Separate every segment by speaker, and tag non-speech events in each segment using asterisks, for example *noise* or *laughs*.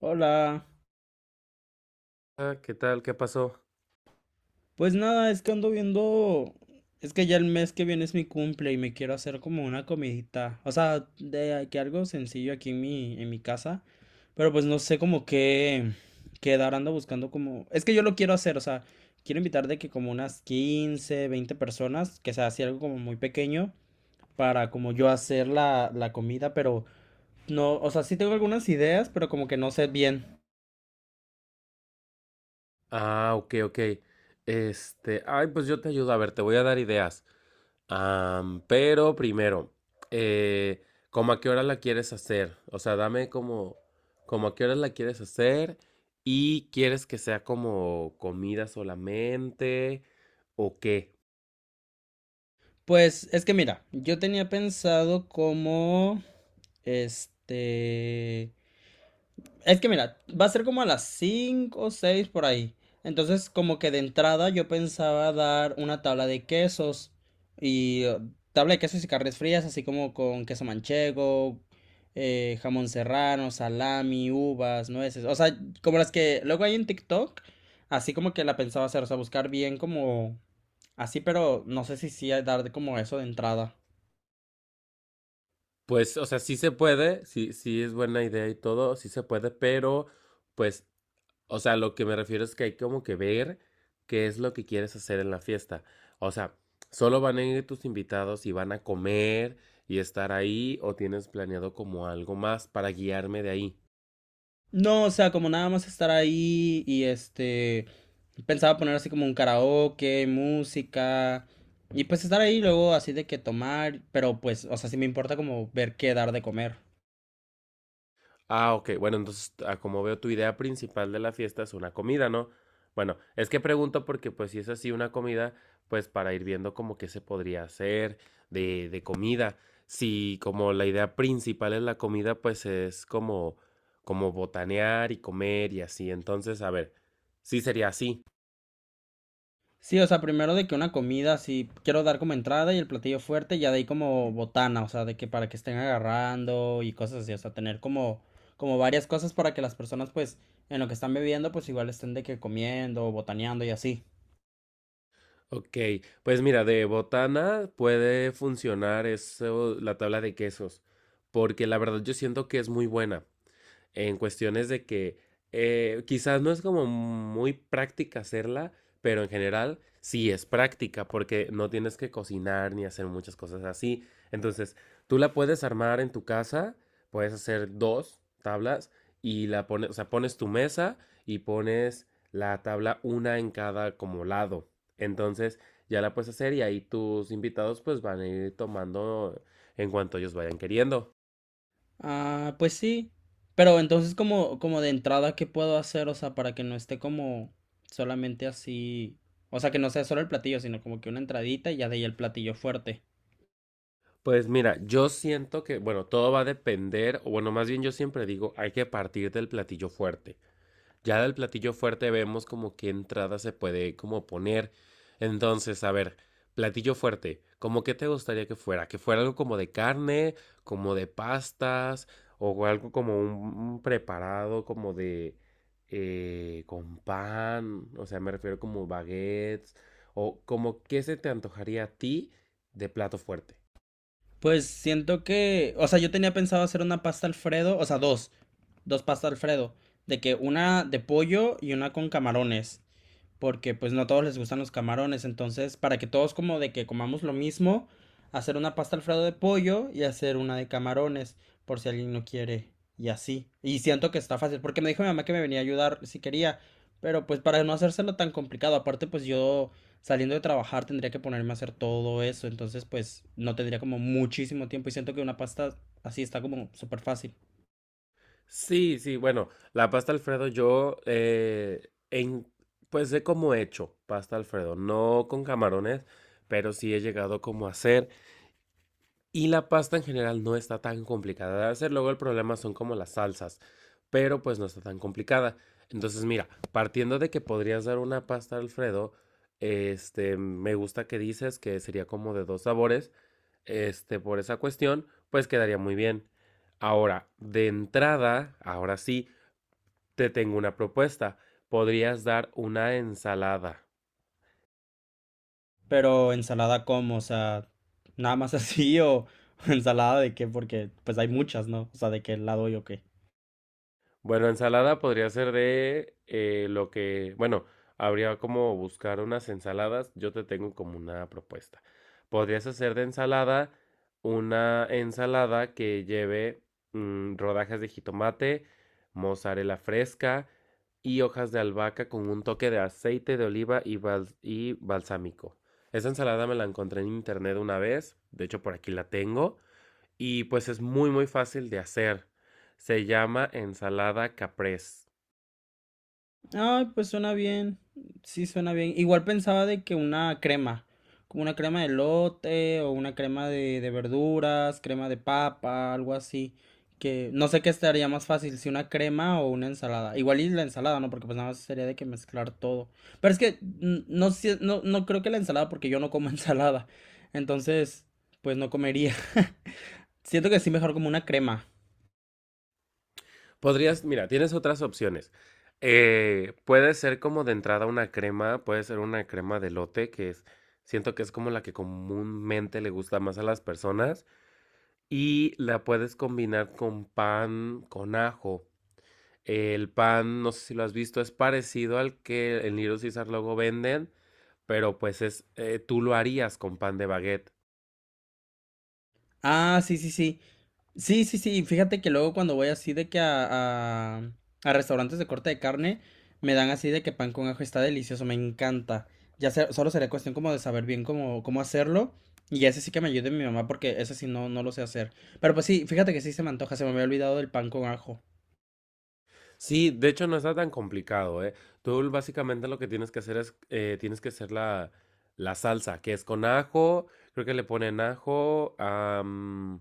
Speaker 1: Hola,
Speaker 2: ¿Qué tal? ¿Qué pasó?
Speaker 1: pues nada, es que ando viendo, es que ya el mes que viene es mi cumple y me quiero hacer como una comidita, o sea, de que algo sencillo aquí en mi casa, pero pues no sé como qué dar, ando buscando como, es que yo lo quiero hacer, o sea, quiero invitar de que como unas 15 20 personas, que sea así algo como muy pequeño, para como yo hacer la comida, pero no, o sea, sí tengo algunas ideas, pero como que no sé bien.
Speaker 2: Ah, ok, ok. Ay, pues yo te ayudo. A ver, te voy a dar ideas. Pero primero, eh, ¿cómo a qué hora la quieres hacer? O sea, dame como, como a qué hora la quieres hacer y quieres que sea como comida solamente o qué.
Speaker 1: Pues es que mira, yo tenía pensado como, este, es que mira, va a ser como a las 5 o 6 por ahí. Entonces, como que de entrada yo pensaba dar una tabla de quesos y tabla de quesos y carnes frías, así como con queso manchego, jamón serrano, salami, uvas, nueces, o sea, como las que luego hay en TikTok, así como que la pensaba hacer, o sea, buscar bien como así, pero no sé si sí dar como eso de entrada.
Speaker 2: Pues, o sea, sí se puede, sí, sí es buena idea y todo, sí se puede, pero pues o sea, lo que me refiero es que hay como que ver qué es lo que quieres hacer en la fiesta. O sea, ¿solo van a ir tus invitados y van a comer y estar ahí o tienes planeado como algo más para guiarme de ahí?
Speaker 1: No, o sea, como nada más estar ahí y pensaba poner así como un karaoke, música y pues estar ahí luego así de que tomar, pero pues, o sea, sí me importa como ver qué dar de comer.
Speaker 2: Ah, ok. Bueno, entonces, ah, como veo, tu idea principal de la fiesta es una comida, ¿no? Bueno, es que pregunto porque, pues, si es así una comida, pues, para ir viendo como qué se podría hacer de comida. Si como la idea principal es la comida, pues es como, como botanear y comer y así. Entonces, a ver, sí sería así.
Speaker 1: Sí, o sea, primero de que una comida, sí, quiero dar como entrada y el platillo fuerte, ya de ahí como botana, o sea, de que para que estén agarrando y cosas así, o sea, tener como varias cosas para que las personas pues en lo que están bebiendo pues igual estén de que comiendo, botaneando y así.
Speaker 2: Ok, pues mira, de botana puede funcionar eso, la tabla de quesos, porque la verdad yo siento que es muy buena, en cuestiones de que quizás no es como muy práctica hacerla, pero en general sí es práctica porque no tienes que cocinar ni hacer muchas cosas así. Entonces, tú la puedes armar en tu casa, puedes hacer dos tablas y la pones, o sea, pones tu mesa y pones la tabla una en cada como lado. Entonces, ya la puedes hacer y ahí tus invitados pues van a ir tomando en cuanto ellos vayan queriendo.
Speaker 1: Ah, pues sí. Pero entonces como, de entrada, ¿qué puedo hacer? O sea, para que no esté como solamente así. O sea, que no sea solo el platillo, sino como que una entradita y ya de ahí el platillo fuerte.
Speaker 2: Pues mira, yo siento que, bueno, todo va a depender, o bueno, más bien yo siempre digo, hay que partir del platillo fuerte. Ya del platillo fuerte vemos como qué entrada se puede como poner. Entonces, a ver, platillo fuerte, ¿cómo qué te gustaría que fuera? ¿Que fuera algo como de carne, como de pastas, o algo como un preparado como de con pan? O sea, me refiero como baguettes, o como qué se te antojaría a ti de plato fuerte.
Speaker 1: Pues siento que, o sea, yo tenía pensado hacer una pasta Alfredo, o sea, dos pasta Alfredo, de que una de pollo y una con camarones. Porque pues no a todos les gustan los camarones, entonces para que todos como de que comamos lo mismo, hacer una pasta alfredo de pollo y hacer una de camarones, por si alguien no quiere y así. Y siento que está fácil, porque me dijo mi mamá que me venía a ayudar si quería, pero pues para no hacérselo tan complicado, aparte pues yo saliendo de trabajar tendría que ponerme a hacer todo eso, entonces pues no tendría como muchísimo tiempo y siento que una pasta así está como súper fácil.
Speaker 2: Sí, sí, bueno, la pasta Alfredo yo pues sé cómo he hecho pasta Alfredo, no con camarones, pero sí he llegado como a hacer y la pasta en general no está tan complicada de hacer, luego el problema son como las salsas, pero pues no está tan complicada. Entonces mira, partiendo de que podrías dar una pasta Alfredo, este, me gusta que dices que sería como de dos sabores, este, por esa cuestión, pues quedaría muy bien. Ahora, de entrada, ahora sí. Te tengo una propuesta. Podrías dar una ensalada.
Speaker 1: Pero ensalada como, o sea, nada más así o *laughs* ensalada de qué, porque pues hay muchas, ¿no? O sea, de qué lado yo qué.
Speaker 2: Bueno, ensalada podría ser de lo que, bueno, habría como buscar unas ensaladas. Yo te tengo como una propuesta. Podrías hacer de ensalada una ensalada que lleve rodajas de jitomate, mozzarella fresca y hojas de albahaca con un toque de aceite de oliva y, balsámico. Esa ensalada me la encontré en internet una vez, de hecho por aquí la tengo. Y pues es muy muy fácil de hacer. Se llama ensalada caprese.
Speaker 1: Ay, pues suena bien. Sí, suena bien. Igual pensaba de que una crema, como una crema de lote o una crema de verduras, crema de papa, algo así. Que no sé qué estaría más fácil, si una crema o una ensalada. Igual y la ensalada, ¿no? Porque pues nada más sería de que mezclar todo. Pero es que no, creo que la ensalada, porque yo no como *laughs* ensalada. Entonces, pues no comería. *laughs* Siento que sí mejor como una crema.
Speaker 2: Podrías, mira, tienes otras opciones. Puede ser como de entrada una crema, puede ser una crema de lote que es, siento que es como la que comúnmente le gusta más a las personas y la puedes combinar con pan con ajo. El pan, no sé si lo has visto, es parecido al que en Little Caesar luego venden, pero tú lo harías con pan de baguette.
Speaker 1: Ah, sí, sí, sí. Sí, sí, sí. Fíjate que luego cuando voy así de que a restaurantes de corte de carne, me dan así de que pan con ajo está delicioso, me encanta. Solo sería cuestión como de saber bien cómo hacerlo. Y ese sí que me ayude mi mamá porque ese sí no lo sé hacer. Pero pues sí, fíjate que sí se me antoja, se me había olvidado del pan con ajo.
Speaker 2: Sí, de hecho no está tan complicado, ¿eh? Tú básicamente lo que tienes que hacer es, tienes que hacer la salsa, que es con ajo, creo que le ponen ajo,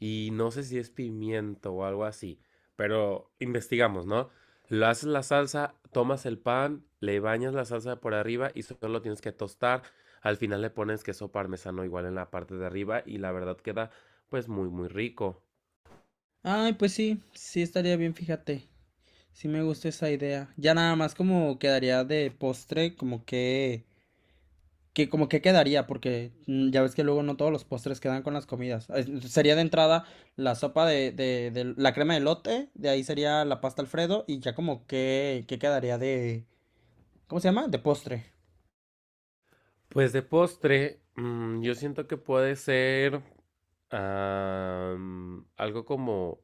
Speaker 2: y no sé si es pimiento o algo así, pero investigamos, ¿no? Lo haces la salsa, tomas el pan, le bañas la salsa por arriba y solo lo tienes que tostar. Al final le pones queso parmesano igual en la parte de arriba y la verdad queda pues muy muy rico.
Speaker 1: Ay, pues sí, sí estaría bien, fíjate. Sí me gusta esa idea. Ya nada más como quedaría de postre, como que quedaría, porque ya ves que luego no todos los postres quedan con las comidas. Sería de entrada la sopa de la crema de lote, de ahí sería la pasta Alfredo, y ya como que quedaría ¿cómo se llama? De postre.
Speaker 2: Pues de postre, yo siento que puede ser algo como,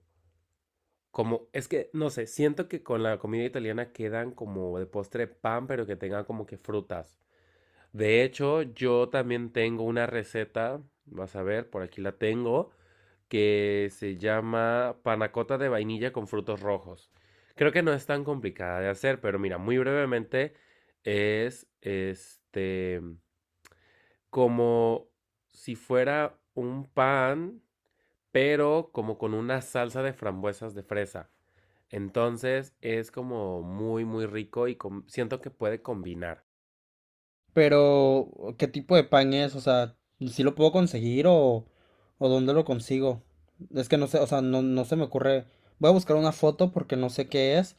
Speaker 2: como, es que no sé, siento que con la comida italiana quedan como de postre pan, pero que tengan como que frutas. De hecho, yo también tengo una receta, vas a ver, por aquí la tengo, que se llama panacota de vainilla con frutos rojos. Creo que no es tan complicada de hacer, pero mira, muy brevemente es como si fuera un pan, pero como con una salsa de frambuesas de fresa. Entonces es como muy, muy rico y siento que puede combinar.
Speaker 1: Pero, ¿qué tipo de pan es? ¿O sea, si lo puedo conseguir o dónde lo consigo? Es que no sé, o sea, no se me ocurre. Voy a buscar una foto porque no sé qué es,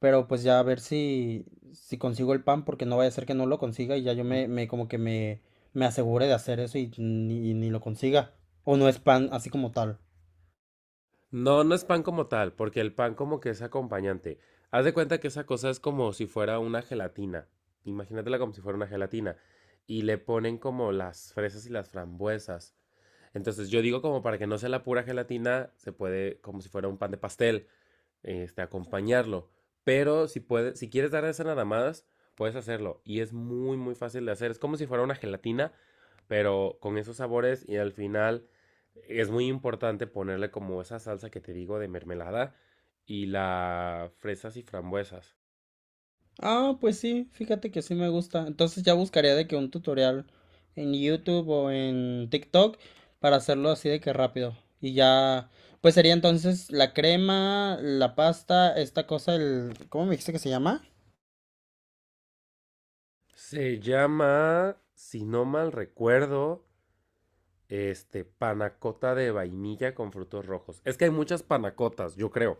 Speaker 1: pero pues ya a ver si consigo el pan porque no vaya a ser que no lo consiga y ya yo me como que me asegure de hacer eso y ni lo consiga. O no es pan así como tal.
Speaker 2: No, no es pan como tal, porque el pan como que es acompañante. Haz de cuenta que esa cosa es como si fuera una gelatina. Imagínatela como si fuera una gelatina. Y le ponen como las fresas y las frambuesas. Entonces yo digo como para que no sea la pura gelatina, se puede como si fuera un pan de pastel, este, acompañarlo. Pero si, puedes, si quieres dar esas nadadas, puedes hacerlo. Y es muy, muy fácil de hacer. Es como si fuera una gelatina, pero con esos sabores. Y al final es muy importante ponerle como esa salsa que te digo de mermelada y las fresas y frambuesas.
Speaker 1: Ah, pues sí, fíjate que sí me gusta. Entonces ya buscaría de que un tutorial en YouTube o en TikTok para hacerlo así de que rápido. Y ya, pues sería entonces la crema, la pasta, esta cosa, ¿cómo me dijiste que se llama?
Speaker 2: Se llama, si no mal recuerdo, este, panacota de vainilla con frutos rojos. Es que hay muchas panacotas, yo creo.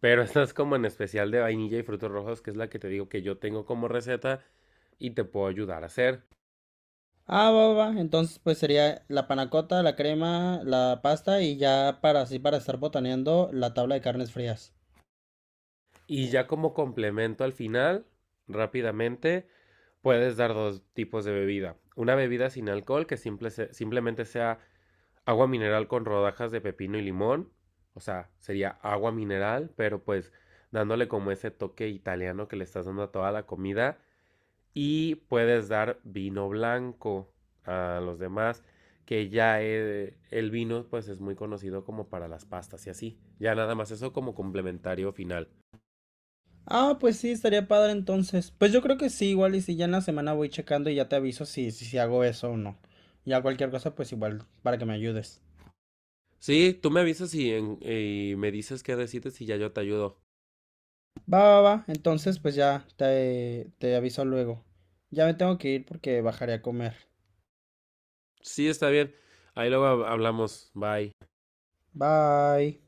Speaker 2: Pero *laughs* esta es como en especial de vainilla y frutos rojos, que es la que te digo que yo tengo como receta y te puedo ayudar a hacer.
Speaker 1: Ah, va, va, va. Entonces pues sería la panacota, la crema, la pasta y ya para así para estar botaneando la tabla de carnes frías.
Speaker 2: Y ya como complemento al final, rápidamente, puedes dar dos tipos de bebida. Una bebida sin alcohol que simplemente sea agua mineral con rodajas de pepino y limón. O sea, sería agua mineral, pero pues dándole como ese toque italiano que le estás dando a toda la comida. Y puedes dar vino blanco a los demás, que ya el vino pues es muy conocido como para las pastas y así. Ya nada más eso como complementario final.
Speaker 1: Ah, pues sí, estaría padre entonces. Pues yo creo que sí, igual y si ya en la semana voy checando y ya te aviso si hago eso o no. Ya cualquier cosa, pues igual para que me ayudes.
Speaker 2: Sí, tú me avisas y me dices qué decides y ya yo te ayudo.
Speaker 1: Va, va, va. Entonces, pues ya te aviso luego. Ya me tengo que ir porque bajaré a comer.
Speaker 2: Sí, está bien. Ahí luego hablamos. Bye.
Speaker 1: Bye.